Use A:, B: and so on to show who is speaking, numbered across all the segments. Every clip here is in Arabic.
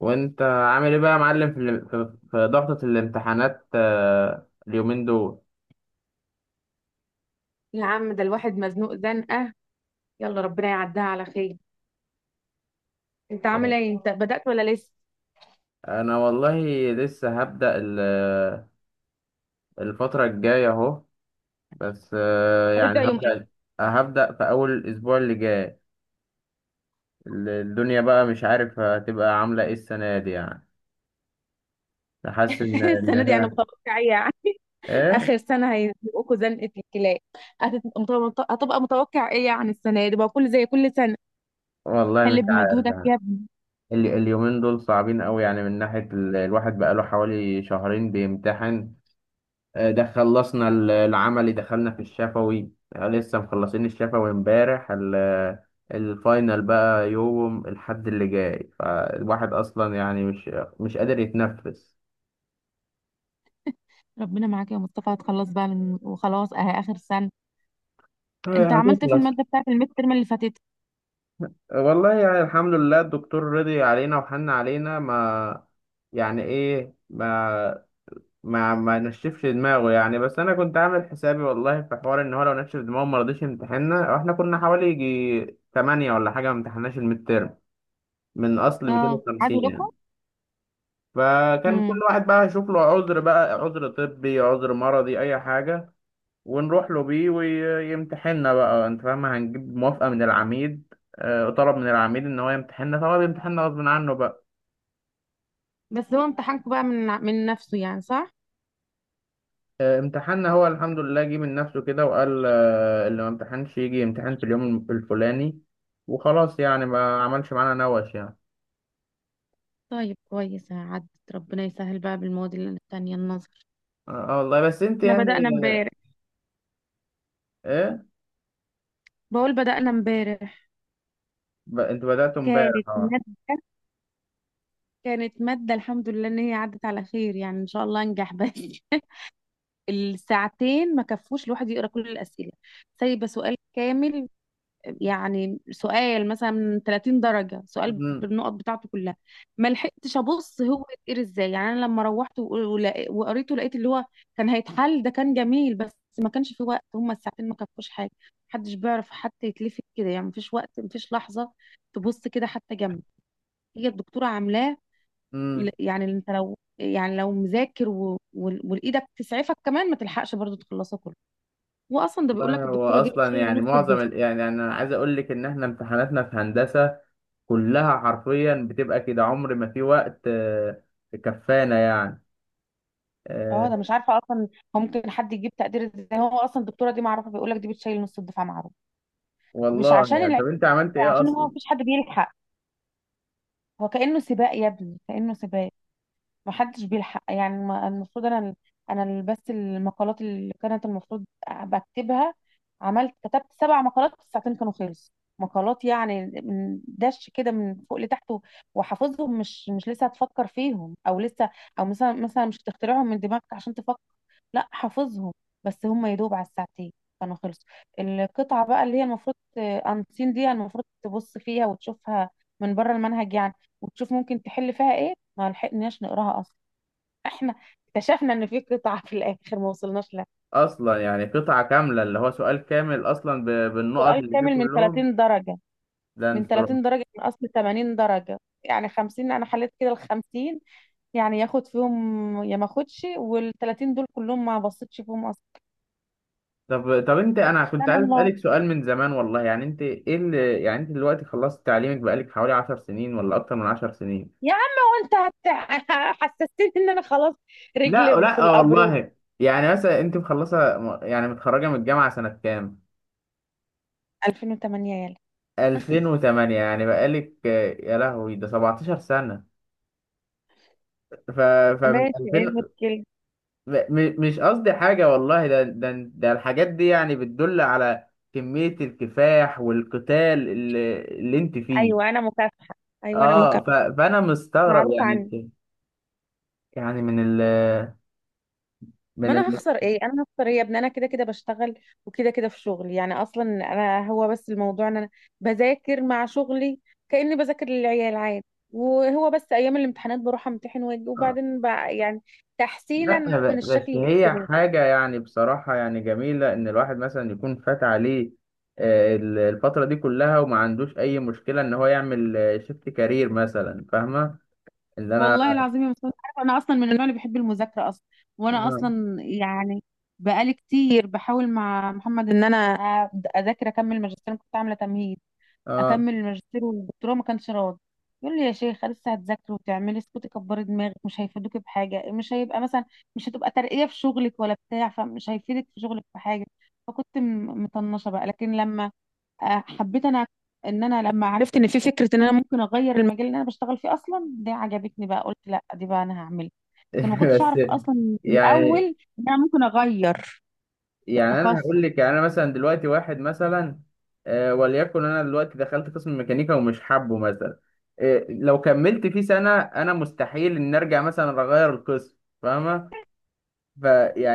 A: وانت عامل ايه بقى يا معلم في ضغطة الامتحانات اليومين دول.
B: يا عم، ده الواحد مزنوق زنقة. يلا، ربنا يعديها على خير. انت عامل ايه؟ انت بدأت ولا لسه؟
A: انا والله لسه هبدأ الفترة الجاية اهو، بس يعني
B: هتبدأ يوم ايه؟
A: هبدأ في اول الاسبوع اللي جاي. الدنيا بقى مش عارف هتبقى عاملة ايه السنة دي يعني، حاسس ان ان
B: السنة دي انا
A: هي
B: متوقع ايه يعني؟
A: ايه.
B: اخر سنة هيزنقوكوا زنقة الكلاب. هتبقى متوقع ايه يعني؟ السنة دي بقى زي كل سنة.
A: والله
B: حل
A: مش عارف
B: بمجهودك
A: يعني.
B: يا ابني.
A: اليومين دول صعبين قوي يعني، من ناحية الواحد بقى له حوالي شهرين بيمتحن. ده خلصنا العملي، دخلنا في الشفوي. لسه مخلصين الشفوي امبارح. الفاينل بقى يوم الحد اللي جاي، فالواحد اصلا يعني مش قادر يتنفس.
B: ربنا معاك يا مصطفى، هتخلص بقى من وخلاص اهي اخر سنة. انت عملت إيه في
A: هتخلص.
B: المادة بتاعت الميد ترم اللي فاتت؟
A: والله يعني الحمد لله، الدكتور رضي علينا وحن علينا، ما يعني ايه، ما نشفش دماغه يعني. بس انا كنت عامل حسابي والله، في حوار ان هو لو نشف دماغه ما رضيش يمتحننا. احنا كنا حوالي يجي 8 ولا حاجه، ما امتحناش الميد من اصل
B: اه، عادوا
A: 250
B: لكم.
A: يعني. فكان كل
B: امم.
A: واحد بقى يشوف له عذر، بقى عذر طبي، عذر مرضي، اي حاجه، ونروح له بيه ويمتحننا. بقى انت فاهم، هنجيب موافقه من العميد. طلب من العميد ان هو يمتحننا، فهو بيمتحننا غصب عنه بقى.
B: بس هو امتحانكم بقى من نفسه يعني، صح؟
A: امتحاننا هو الحمد لله جه من نفسه كده، وقال اللي ما امتحنش يجي يمتحن في اليوم الفلاني وخلاص يعني، ما عملش معانا نوش يعني.
B: طيب، كويس عدت. ربنا يسهل بقى بالمواد التانية النظر.
A: اه، والله. بس انت
B: احنا
A: يعني
B: بدأنا امبارح.
A: ايه؟
B: بقول بدأنا امبارح.
A: انتوا بدأتوا
B: كانت
A: امبارح، اه.
B: مادة كانت مادة، الحمد لله ان هي عدت على خير، يعني ان شاء الله انجح بس. الساعتين ما كفوش الواحد يقرا كل الأسئلة. سايبة سؤال كامل. يعني سؤال مثلا من 30 درجة، سؤال
A: مم،
B: بالنقط بتاعته كلها. ما لحقتش ابص هو يتقري ازاي. يعني انا لما روحت وقريته، لقيت اللي هو كان هيتحل ده كان جميل، بس ما كانش في وقت. هما الساعتين ما كفوش حاجة. محدش بيعرف حتى يتلفت كده يعني، مفيش وقت، مفيش لحظة تبص كده حتى جنب. هي الدكتورة عاملاه.
A: مم.
B: يعني انت لو، يعني لو مذاكر والايدك تسعفك كمان، ما تلحقش برضو تخلصه كله. واصلا ده بيقول
A: والله
B: لك،
A: هو
B: الدكتوره دي
A: اصلا
B: بتشيل
A: يعني
B: نص
A: معظم
B: الدفعه.
A: يعني انا عايز اقول لك ان احنا امتحاناتنا في هندسه كلها حرفيا بتبقى كده، عمر ما في وقت كفانا يعني.
B: اه
A: آه،
B: ده مش عارفه اصلا هو ممكن حد يجيب تقدير ازاي. هو اصلا الدكتوره دي معروفه، بيقول لك دي بتشيل نص الدفعه، معروف. مش
A: والله
B: عشان
A: يعني، طب
B: العيب،
A: انت عملت ايه
B: عشان هو
A: اصلا؟
B: مفيش حد بيلحق. هو كانه سباق يا ابني، كانه سباق. ما حدش بيلحق يعني. المفروض انا، بس المقالات اللي كانت المفروض بكتبها، كتبت سبع مقالات في ساعتين، كانوا خلص. مقالات يعني من دش كده، من فوق لتحت وحافظهم، مش لسه هتفكر فيهم او لسه، او مثلا مش هتخترعهم من دماغك عشان تفكر، لا حافظهم. بس هم يدوب على الساعتين كانوا خلص. القطعة بقى اللي هي المفروض انسين دي، المفروض تبص فيها وتشوفها، من بره المنهج يعني، وتشوف ممكن تحل فيها ايه، ما لحقناش نقراها اصلا. احنا اكتشفنا ان في قطعة في الاخر ما وصلناش لها،
A: اصلا يعني قطعه كامله، اللي هو سؤال كامل اصلا بالنقط
B: سؤال
A: اللي فيه
B: كامل من
A: كلهم.
B: 30 درجة،
A: ده
B: من
A: انت رعب.
B: 30 درجة من اصل 80 درجة. يعني 50 انا حليت كده ال 50، يعني ياخد فيهم يا ما اخدش. وال 30 دول كلهم ما بصيتش فيهم اصلا.
A: طب انت انا كنت
B: سبحان
A: عايز
B: الله
A: اسالك سؤال من زمان، والله يعني انت ايه اللي يعني، انت دلوقتي خلصت تعليمك بقالك حوالي 10 سنين ولا اكتر من 10 سنين؟
B: يا عم. وانت هت- حسستني ان انا خلاص
A: لا،
B: رجلي
A: لا.
B: في
A: آه
B: القبر
A: والله، يعني مثلا انت مخلصه، يعني متخرجه من الجامعه سنه كام؟
B: 2008 يلا.
A: 2008، يعني بقالك، يا لهوي ده 17 سنه! ف فمن
B: ماشي، ايه
A: 2000
B: المشكلة؟
A: مش قصدي حاجه والله، ده الحاجات دي يعني بتدل على كميه الكفاح والقتال اللي انت فيه.
B: ايوه، انا مكافحة. ايوه، انا
A: اه،
B: مكافحة.
A: فانا مستغرب
B: معروف
A: يعني،
B: عني.
A: انت يعني من ال
B: ما
A: من
B: انا
A: ال
B: هخسر ايه؟ انا هخسر ايه يا ابني؟ انا كده كده بشتغل، وكده كده في شغلي يعني. اصلا انا هو بس الموضوع ان انا بذاكر مع شغلي، كاني بذاكر للعيال عادي، وهو بس ايام الامتحانات بروح امتحن واجي، وبعدين بقى يعني
A: لا،
B: تحسينا من
A: بس
B: الشكل
A: هي
B: الاجتماعي.
A: حاجة يعني بصراحة يعني جميلة، إن الواحد مثلا يكون فات عليه الفترة دي كلها وما عندوش أي مشكلة إن هو يعمل شيفت كارير مثلا، فاهمة؟ إن أنا
B: والله العظيم يا مصطفى، عارفة انا اصلا من النوع اللي بحب المذاكره اصلا. وانا
A: آه
B: اصلا يعني بقالي كتير بحاول مع محمد ان انا أبدأ اذاكر، اكمل ماجستير. أنا كنت عامله تمهيد،
A: آه.
B: اكمل الماجستير والدكتوراه، ما كانش راضي. يقول لي يا شيخه لسه هتذاكري وتعملي، اسكتي كبري دماغك، مش هيفيدوكي بحاجه، مش هيبقى مثلا، مش هتبقى ترقيه في شغلك ولا بتاع، فمش هيفيدك في شغلك في حاجه. فكنت مطنشه بقى، لكن لما حبيت انا، ان انا لما عرفت ان في فكره ان انا ممكن اغير المجال اللي انا بشتغل فيه اصلا، دي عجبتني بقى، قلت لا دي بقى انا هعملها. لكن ما كنتش
A: بس
B: اعرف اصلا في
A: يعني
B: الاول ان انا ممكن اغير
A: يعني أنا
B: التخصص.
A: هقول لك، يعني أنا مثلا دلوقتي واحد مثلا، وليكن أنا دلوقتي دخلت قسم ميكانيكا ومش حابه مثلا، لو كملت فيه سنة أنا مستحيل إن أرجع مثلا أغير القسم، فاهمة؟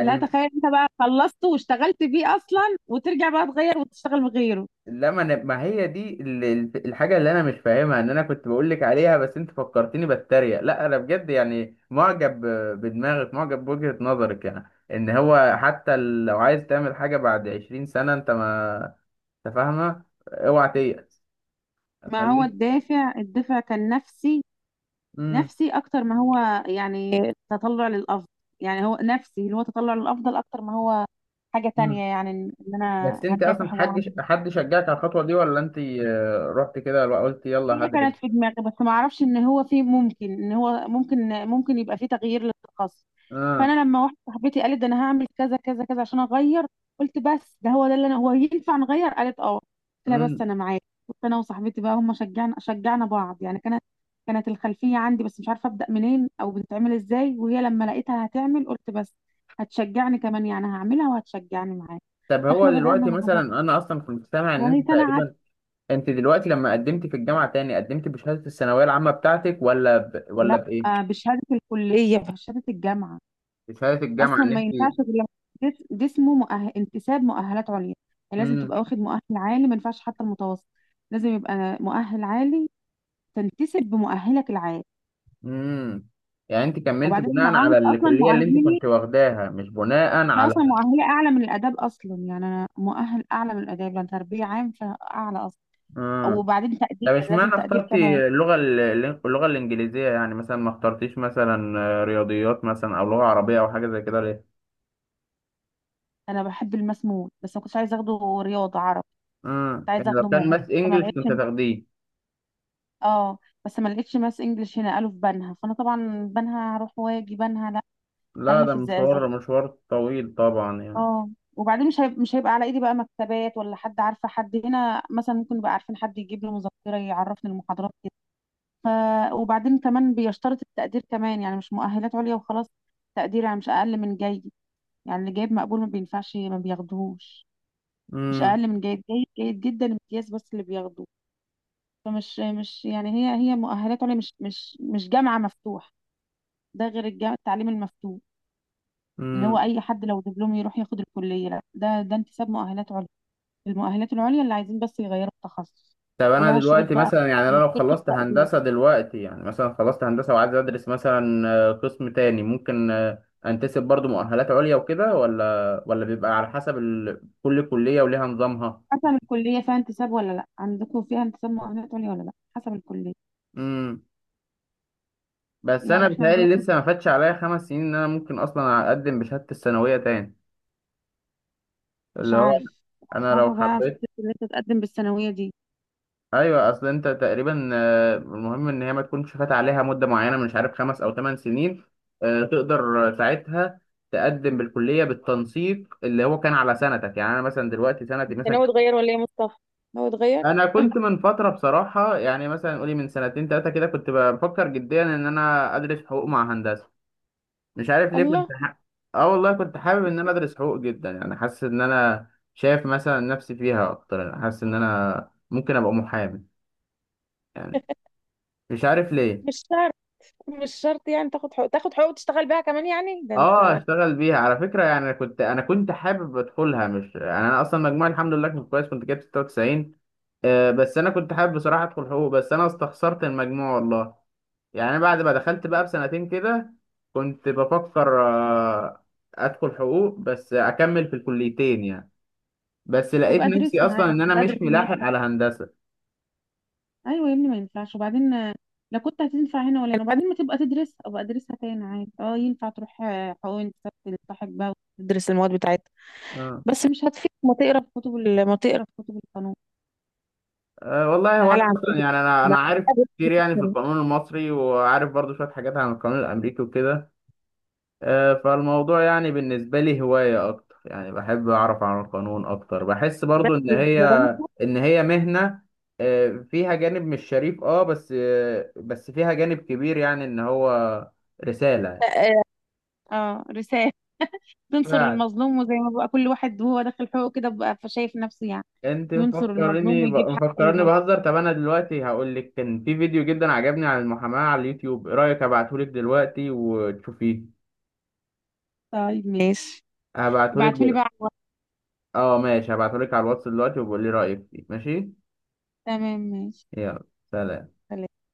B: لا تخيل انت بقى خلصته واشتغلت بيه اصلا، وترجع بقى تغير وتشتغل بغيره.
A: لا ما، أنا، ما هي دي الحاجة اللي أنا مش فاهمها، إن أنا كنت بقول لك عليها. بس أنت فكرتني بتريق. لا أنا بجد يعني معجب بدماغك، معجب بوجهة نظرك، يعني إن هو حتى لو عايز تعمل حاجة بعد 20 سنة، أنت ما، أنت فاهمة؟ أوعى تيأس.
B: ما هو
A: خليك.
B: الدافع، الدافع كان نفسي،
A: مم.
B: نفسي اكتر ما هو يعني تطلع للافضل، يعني هو نفسي اللي هو تطلع للافضل اكتر ما هو حاجة
A: مم.
B: تانية، يعني ان انا
A: بس أنت أصلا
B: هكافح.
A: حد شجعك على الخطوة دي، ولا أنت رحت كده قلت يلا
B: هي
A: هدرس؟
B: كانت في دماغي، بس ما اعرفش ان هو في ممكن ان هو ممكن يبقى في تغيير للتخصص.
A: آه.
B: فانا لما واحده صاحبتي قالت ده انا هعمل كذا كذا كذا عشان اغير، قلت بس ده هو ده اللي انا هو ينفع نغير؟ قالت اه. قلت لها بس
A: مم.
B: انا معاك. كنت انا وصاحبتي بقى، هم شجعنا بعض يعني. كانت، كانت الخلفيه عندي بس مش عارفه ابدا منين او بتتعمل ازاي، وهي لما لقيتها هتعمل قلت بس هتشجعني كمان، يعني هعملها وهتشجعني معاك.
A: طب هو
B: فاحنا بدانا
A: دلوقتي
B: مع
A: مثلا
B: بعض،
A: أنا أصلا كنت سامع إن
B: وهي
A: أنت
B: سنه عدت.
A: تقريبا انت دلوقتي لما قدمت في الجامعه تاني، قدمت بشهاده الثانويه العامه بتاعتك ولا
B: لا.
A: ولا بايه؟
B: بشهاده الكليه، بشهاده الجامعه.
A: بشهاده الجامعه،
B: اصلا
A: ان
B: ما
A: انت.
B: ينفعش غير لما جسمه مؤهل انتساب مؤهلات عليا. يعني لازم
A: امم.
B: تبقى واخد مؤهل عالي، ما ينفعش حتى المتوسط. لازم يبقى مؤهل عالي تنتسب بمؤهلك العالي.
A: امم. يعني انت كملت
B: وبعدين انا
A: بناء
B: عامل
A: على
B: اصلا
A: الكليه اللي انت
B: مؤهلي،
A: كنت واخداها، مش بناء
B: انا
A: على.
B: اصلا مؤهلي اعلى من الاداب اصلا، يعني انا مؤهل اعلى من الاداب لان تربيه عام فاعلى اصلا.
A: امم.
B: وبعدين تقدير،
A: طب
B: لازم
A: اشمعنى
B: تقدير كمان.
A: اخترتي اللغه اللغه الانجليزيه؟ يعني مثلا ما اخترتيش مثلا رياضيات مثلا، او لغه عربيه، او حاجه زي كده، ليه؟
B: انا بحب الماس موت، بس ما كنتش عايزه اخده رياضه عربي، كنت
A: امم. يعني
B: عايزه
A: لو
B: اخده
A: كان
B: ماس.
A: ماس
B: فما
A: انجلش
B: لقيتش.
A: كنت هتاخديه؟
B: اه، بس ما لقيتش ماس انجلش هنا، قالوا في بنها، فانا طبعا بنها هروح واجي بنها؟
A: لا،
B: خليني
A: ده
B: في
A: مشوار
B: الزقازيق.
A: مشوار طويل طبعا يعني.
B: اه. وبعدين مش هيبقى على ايدي بقى مكتبات ولا حد عارفه، حد هنا مثلا ممكن يبقى عارفين حد يجيب لي مذكره يعرفني المحاضرات كده. ف... وبعدين كمان بيشترط التقدير كمان، يعني مش مؤهلات عليا وخلاص، تقدير، يعني مش اقل من جيد. يعني اللي جايب مقبول ما بينفعش، ما بياخدوهوش، مش اقل من جيد، جيد، جيد جدا، امتياز، بس اللي بياخدوه. فمش مش يعني هي مؤهلات عليا، مش جامعه مفتوح. ده غير التعليم المفتوح، اللي هو
A: امم.
B: اي حد لو دبلوم يروح ياخد الكليه، لا ده انتساب مؤهلات عليا، المؤهلات العليا اللي عايزين بس يغيروا التخصص.
A: طب انا
B: ولها شروط
A: دلوقتي
B: بقى،
A: مثلا يعني، انا لو
B: شروط
A: خلصت
B: التقديم،
A: هندسه دلوقتي، يعني مثلا خلصت هندسه وعايز ادرس مثلا قسم تاني، ممكن انتسب برضو مؤهلات عليا وكده، ولا بيبقى على حسب كل كليه وليها نظامها؟
B: حسب الكلية فيها انتساب ولا لا. عندكم فيها انتساب مؤهلات عليا ولا لا؟ حسب الكلية.
A: امم. بس
B: يعني
A: انا
B: احنا عندنا.
A: بتهيألي لسه ما فاتش عليا 5 سنين، ان انا ممكن اصلا اقدم بشهاده الثانويه تاني،
B: مش
A: اللي هو
B: عارف مش
A: انا لو
B: عارفة بقى
A: حبيت.
B: فكرة اللي انت تقدم بالثانوية دي.
A: ايوه، اصل انت تقريبا المهم ان هي ما تكونش فات عليها مده معينه، مش عارف، 5 او 8 سنين، تقدر ساعتها تقدم بالكليه بالتنسيق اللي هو كان على سنتك، يعني انا مثلا دلوقتي سنتي
B: انت
A: مثلا
B: ناوي
A: كانت-.
B: تغير ولا ايه يا مصطفى؟ ناوي تغير.
A: انا كنت من فتره بصراحه، يعني مثلا قولي من سنتين ثلاثه كده، كنت بفكر جديا ان انا ادرس حقوق مع هندسه. مش عارف ليه
B: الله.
A: كنت اه والله، كنت حابب ان انا ادرس حقوق جدا يعني، حاسس ان انا شايف مثلا نفسي فيها اكتر، يعني حاسس ان انا ممكن ابقى محامي يعني. مش عارف ليه.
B: مش شرط، مش شرط يعني، تاخد حقوق وتشتغل بيها كمان يعني، ده
A: اه،
B: انت.
A: اشتغل بيها على فكره يعني. انا كنت حابب ادخلها، مش يعني، انا اصلا مجموعي الحمد لله كنت كويس، كنت جايب 96. بس انا كنت حابب بصراحه ادخل حقوق، بس انا استخسرت المجموع والله. يعني أنا بعد ما دخلت بقى بسنتين كده، كنت بفكر ادخل حقوق بس اكمل في الكليتين يعني. بس لقيت نفسي
B: وبأدرسها
A: اصلا
B: عارف
A: ان انا مش
B: وبأدرس.
A: ملاحق على هندسه.
B: ايوه يا ابني، ما ينفعش. وبعدين لا، كنت هتنفع هنا ولا هنا. وبعدين ما تبقى تدرسها، ابقى ادرسها تاني عادي، اه ينفع تروح حقوق، تلتحق بقى وتدرس المواد بتاعتها.
A: اه،
B: بس مش هتفيد ما تقرا في كتب ما تقرا في كتب القانون.
A: أه والله، هو انا
B: تعالى عندنا.
A: اصلا يعني، انا
B: ما-
A: عارف كتير يعني في القانون المصري، وعارف برضو شويه حاجات عن القانون الامريكي وكده. فالموضوع يعني بالنسبة لي هواية أكتر، يعني بحب أعرف عن القانون أكتر، بحس
B: بس
A: برضو إن هي
B: الدراسة.
A: إن هي مهنة، فيها جانب مش شريف، بس فيها جانب كبير يعني إن هو رسالة.
B: آه. اه، رسالة، تنصر
A: فعلا.
B: المظلوم، وزي ما بقى كل واحد وهو داخل حقوق كده بقى فشايف نفسه يعني،
A: أنت
B: ينصر المظلوم ويجيب حق
A: مفكرني
B: المظلوم.
A: بهزر. طب أنا دلوقتي هقول لك، كان في فيديو جدا عجبني عن المحاماة على اليوتيوب، إيه رأيك أبعتهولك دلوقتي وتشوفيه؟
B: طيب ماشي،
A: هبعتهولك
B: ابعتهولي
A: دل...
B: بقى على الواتس.
A: أه، ماشي. هبعتهولك على الواتس دلوقتي وبقول لي رأيك فيه، ماشي؟
B: تمام، ماشي.
A: يلا. سلام.
B: سلام.